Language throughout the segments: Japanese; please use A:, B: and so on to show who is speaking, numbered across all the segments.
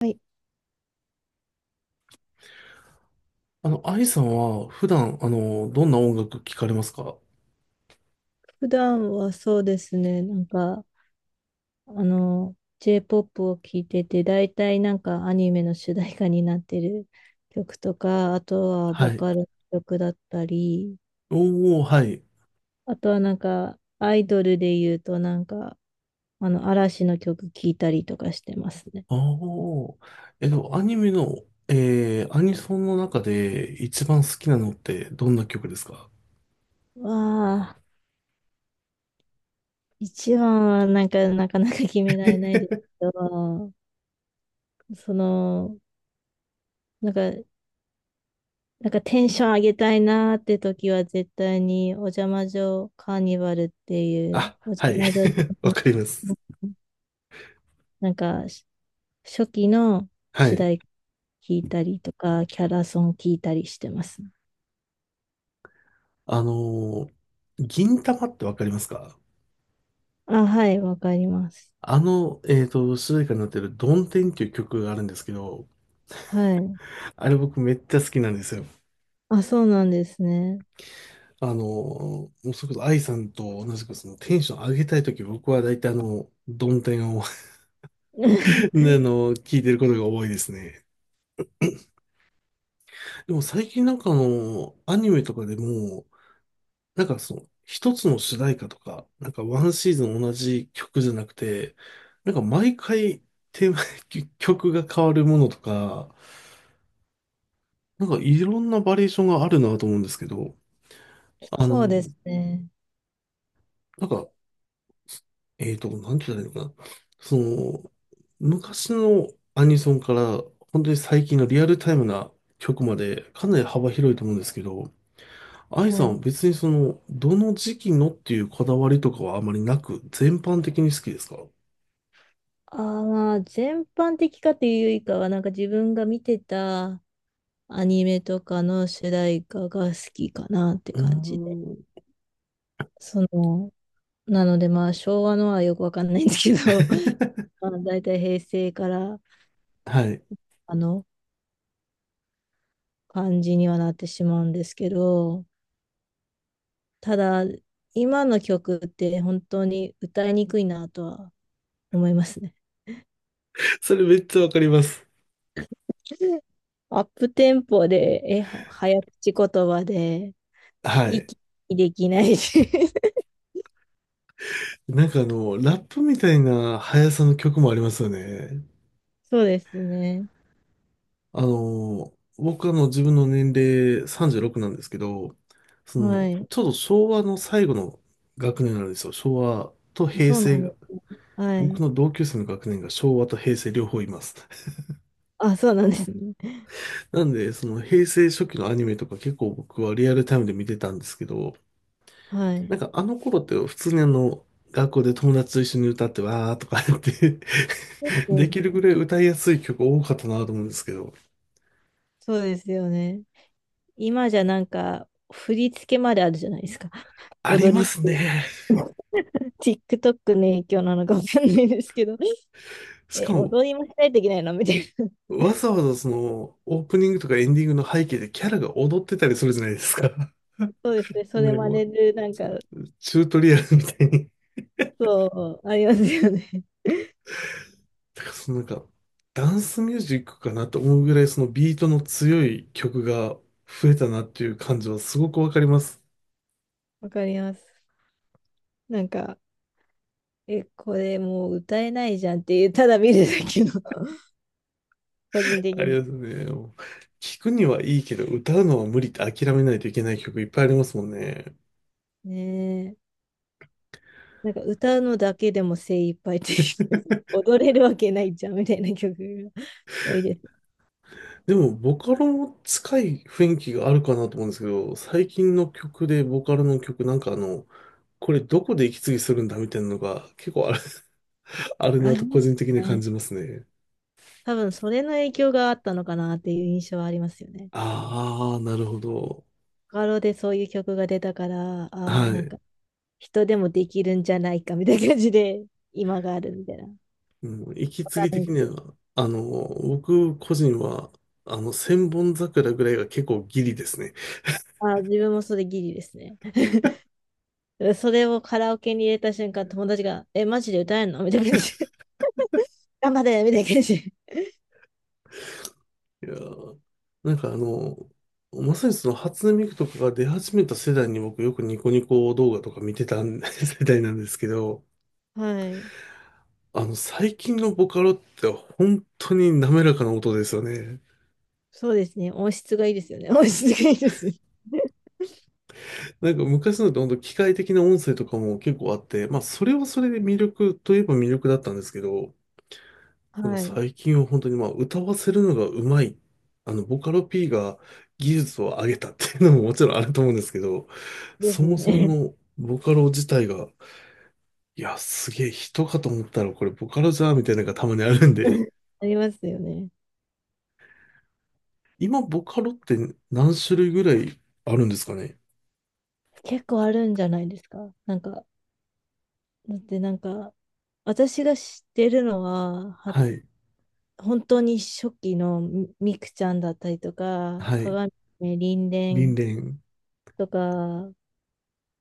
A: はい、
B: アイさんは普段、どんな音楽聞かれますか？
A: 普段はそうですね、なんか、あの、J-POP を聴いてて、大体なんかアニメの主題歌になってる曲とか、あとはボ
B: はい。
A: カロ曲だったり、
B: おー、はい。
A: あとはなんか、アイドルで言うとなんか、嵐の曲聴いたりとかしてますね。
B: あー。えっと、アニメの、アニソンの中で一番好きなのってどんな曲ですか？
A: わあ、一番はなんか、なかなか決められないですけど、その、なんか、なんか、テンション上げたいなーって時は絶対にお邪魔女カーニバルっていう
B: あ、
A: お
B: は
A: 邪
B: い。
A: 魔女
B: わかります。
A: なんかし初期の
B: は
A: 主
B: い。
A: 題歌聞いたりとかキャラソン聞いたりしてます。
B: あの銀魂ってわかりますか？
A: あ、はい、わかります。
B: 主題歌になってるドンテンっていう曲があるんですけど、
A: はい。
B: あれ僕めっちゃ好きなんですよ。
A: あ、そうなんですね。
B: もうそれこそ愛さんと同じくそのテンション上げたいとき僕は大体ドンテンを ね聞いてることが多いですね。でも最近なんかアニメとかでも、なんかその、一つの主題歌とか、なんかワンシーズン同じ曲じゃなくて、なんか毎回テーマ、曲が変わるものとか、なんかいろんなバリエーションがあるなと思うんですけど、あ
A: そうで
B: の、
A: すね。
B: なんかなんて言ったらいいのかな。その、昔のアニソンから、本当に最近のリアルタイムな曲まで、かなり幅広いと思うんですけど、愛
A: は
B: さんは
A: い。
B: 別にその、どの時期のっていうこだわりとかはあまりなく、全般的に好きですか？う
A: あー、まあ、全般的かというよりかは、なんか自分が見てたアニメとかの主題歌が好きかなって
B: ー
A: 感じ。
B: ん。
A: その、なのでまあ昭和のはよくわかんないんですけど、まあ大体平成から
B: はい。
A: あの感じにはなってしまうんですけど、ただ今の曲って本当に歌いにくいなとは思いますね。
B: それめっちゃわかります。
A: アップテンポで、早口言葉で、
B: はい。
A: 息できないし。
B: なんかラップみたいな速さの曲もありますよね。
A: そうですね。
B: あの、僕自分の年齢36なんですけど、そ
A: は
B: の、
A: い。
B: ちょうど昭和の最後の学年なんですよ。昭和と平
A: そうなんで
B: 成、
A: す。は
B: 僕
A: い。
B: の同級生の学年が昭和と平成両方います。
A: あ、そうなんですね。
B: なんで、その平成初期のアニメとか結構僕はリアルタイムで見てたんですけど、
A: は
B: な
A: い。
B: んかあの頃って普通に学校で友達と一緒に歌ってわーとか やって
A: そ う
B: できるぐらい歌いやすい曲多かったなと思うんですけど、
A: そうですよね。今じゃなんか、振り付けまであるじゃないですか。
B: あり
A: 踊
B: ま
A: りっ
B: す
A: て。
B: ね。
A: TikTok の影響なのかわかんないですけど、
B: しかも
A: 踊りもしないといけないのみたいな。
B: わざわざその、オープニングとかエンディングの背景でキャラが踊ってたりするじゃないですか。
A: そうです ね。それ真
B: もう、
A: 似る、なんか、
B: チュートリアルみたいに。
A: そう、ありますよね。
B: だからそのなんか、ダンスミュージックかなと思うぐらいそのビートの強い曲が増えたなっていう感じはすごくわかります。
A: わかります。なんか、これもう歌えないじゃんっていう、ただ見るだけの、個人的
B: あり
A: に。
B: がとうね。もう聞くにはいいけど、歌うのは無理って諦めないといけない曲いっぱいありますもんね。
A: ねえ。なんか歌うのだけでも精一杯っていう、踊れるわけないじゃんみたいな曲が多いです。
B: でも、ボカロも近い雰囲気があるかなと思うんですけど、最近の曲で、ボカロの曲、なんかこれどこで息継ぎするんだみたいなのが結構あるな
A: あ
B: と
A: りま
B: 個
A: す
B: 人的に感
A: ね。
B: じますね。
A: 多分それの影響があったのかなっていう印象はありますよね。
B: ああ、なるほど。
A: ガロでそういう曲が出たから、あー
B: は
A: なんか
B: い。
A: 人でもできるんじゃないかみたいな感じで今があるみたいな。わ
B: うん、息継
A: かん
B: ぎ
A: ない
B: 的
A: です
B: に
A: けど。
B: は、僕個人は、千本桜ぐらいが結構ギリですね。
A: あー自分もそれギリですね。それをカラオケに入れた瞬間、友達が、マジで歌えんのみたいな感じで。頑張れみたいな感じで。
B: いやーなんかまさにその初音ミクとかが出始めた世代に僕よくニコニコ動画とか見てたん 世代なんですけど、
A: はい。
B: 最近のボカロって本当に滑らかな音ですよね。
A: そうですね。音質がいいですよね。音質がいいですよね。
B: なんか昔のって本当機械的な音声とかも結構あって、まあそれはそれで魅力といえば魅力だったんですけど、なんか
A: はい。
B: 最近は本当にまあ歌わせるのがうまい。ボカロ P が技術を上げたっていうのももちろんあると思うんですけど、
A: で
B: そ
A: す
B: もそも
A: ね。
B: のボカロ自体がいや、すげえ人かと思ったらこれボカロじゃーみたいなのがたまにあるんで。
A: ありますよね。
B: 今ボカロって何種類ぐらいあるんですかね？
A: 結構あるんじゃないですか。なんか、だってなんか、私が知ってるのは、
B: はい。
A: 本当に初期のみみくちゃんだったりとか、
B: はい。
A: 鏡めりんれ
B: リン
A: ん
B: レン、
A: とか、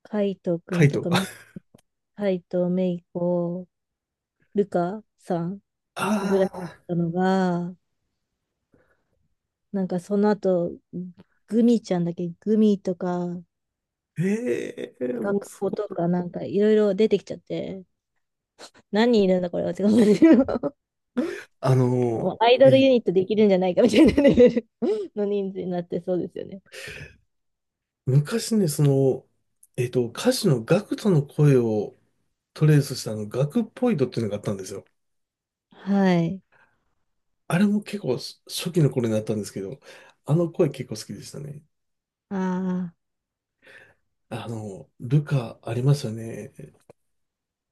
A: 海斗く
B: カ
A: ん
B: イ
A: とか、
B: ト。
A: 海斗めいこ、ルカさんぐらい
B: あ
A: だっ
B: あ、
A: たのが、なんかその後、グミちゃんだっけ、グミとか、
B: ええもう
A: 学
B: そ
A: 校と
B: こ。
A: か、なんかいろいろ出てきちゃって、何人いるんだこれはって感じの。
B: あ
A: も
B: の、
A: うアイドル
B: え、
A: ユニットできるんじゃないかみたいなレベルの人数になってそうですよね。
B: 昔ね、その、歌手のガクトの声をトレースしたガクポイドっていうのがあったんですよ。
A: はい。
B: あれも結構初期の頃になったんですけど、あの声結構好きでしたね。
A: あ
B: ルカありますよね。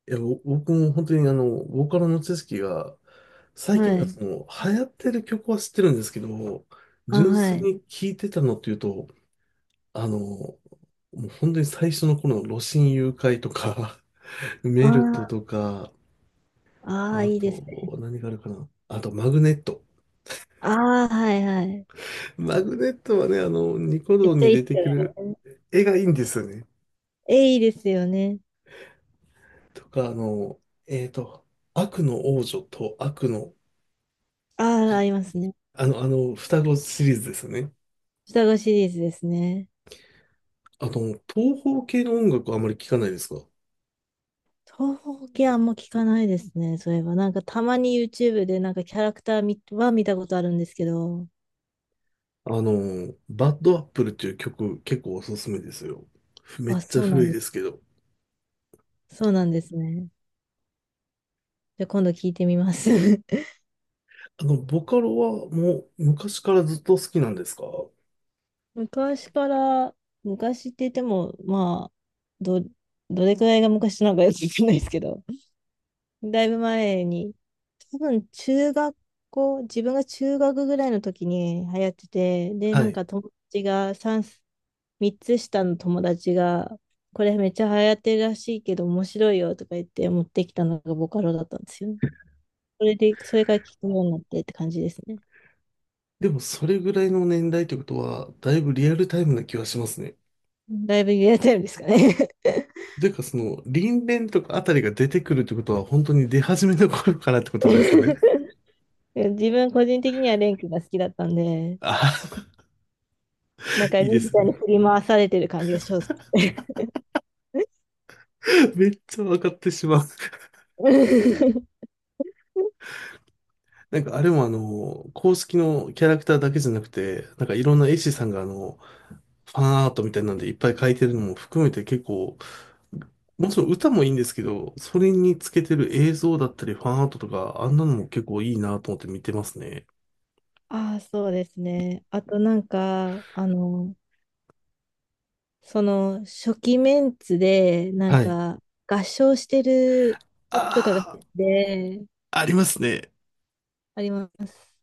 B: いや、僕も本当にボーカルの知識が、
A: あ、
B: 最近
A: は
B: は
A: い。
B: その、流行ってる曲は知ってるんですけど、
A: あ、
B: 純
A: は
B: 粋
A: い。
B: に聴いてたのっていうと、もう本当に最初の頃の露心誘拐とか、
A: あ
B: メルト
A: あ、
B: とか、
A: ああ、
B: あ
A: いいですね。
B: と、何があるかな。あと、マグネット。
A: ああ、はいはい。
B: マグネットはね、ニコ
A: めっ
B: 動
A: ちゃ
B: に
A: いい
B: 出
A: っす
B: て
A: よ
B: くる
A: ね。
B: 絵がいいんですよね。
A: いいですよね。
B: とか、えっと、悪の王女と悪の、
A: ああ、ありますね。
B: 双子シリーズですよね。
A: 双子シリーズですね。
B: 東方系の音楽はあまり聞かないですか？
A: 東方系あんま聞かないですね。そういえば、なんかたまに YouTube でなんかキャラクター見は見たことあるんですけど。
B: バッドアップルっていう曲結構おすすめですよ。めっ
A: あ、
B: ちゃ
A: そうな
B: 古
A: ん
B: い
A: で
B: ですけど。
A: す。そうなんですね。じゃあ今度聞いてみます。
B: ボカロはもう昔からずっと好きなんですか？
A: 昔から、昔って言っても、まあ、ど、どれくらいが昔なのかよくわかんないですけど。だいぶ前に、多分中学校、自分が中学ぐらいの時に流行ってて、で、な
B: は
A: ん
B: い。
A: か友達が3、つ下の友達が、これめっちゃ流行ってるらしいけど面白いよとか言って持ってきたのがボカロだったんですよね。それで、それから聞くようになってって感じですね。
B: でもそれぐらいの年代ってことは、だいぶリアルタイムな気はしますね。
A: だいぶリアルタイムですかね。
B: というかその、リンレンとかあたりが出てくるってことは、本当に出始めの頃からってことですよね。
A: 自分個人的にはレン君が好きだったんで、
B: あ
A: なん
B: あ、
A: かレ
B: いいで
A: ンみ
B: す
A: たいに
B: ね。
A: 振り回されてる感じがします。
B: めっちゃ分かってしまう。なんかあれも公式のキャラクターだけじゃなくて、なんかいろんな絵師さんがファンアートみたいなんでいっぱい描いてるのも含めて結構、もちろん歌もいいんですけど、それにつけてる映像だったりファンアートとか、あんなのも結構いいなと思って見てますね。
A: ああ、そうですね。あとなんか、その初期メンツで、なん
B: はい。
A: か、合唱してる曲とかが
B: あ
A: で、
B: あ、ありますね。
A: あります。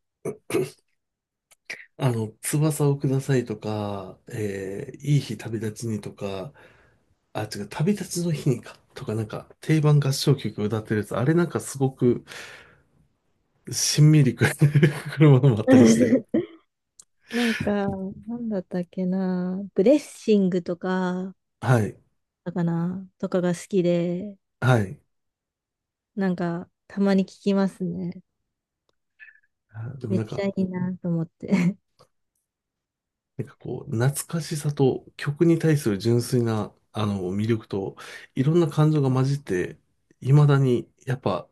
B: 翼をくださいとか、いい日旅立ちにとか、あ、違う、旅立ちの日にか、とかなんか定番合唱曲歌ってるやつ、あれなんかすごくしんみりく るものもあったりして。
A: なんか、なんだったっけな、ブレッシングとか、
B: はい。
A: だかな、とかが好きで、
B: はい。
A: なんか、たまに聞きますね。
B: あ、でも
A: めっ
B: なん
A: ちゃ
B: か、
A: いいなと思って。
B: なんかこう、懐かしさと曲に対する純粋な、魅力と、いろんな感情が混じって、未だにやっぱ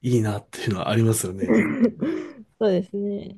B: いいなっていうのはありますよね。
A: そうですね。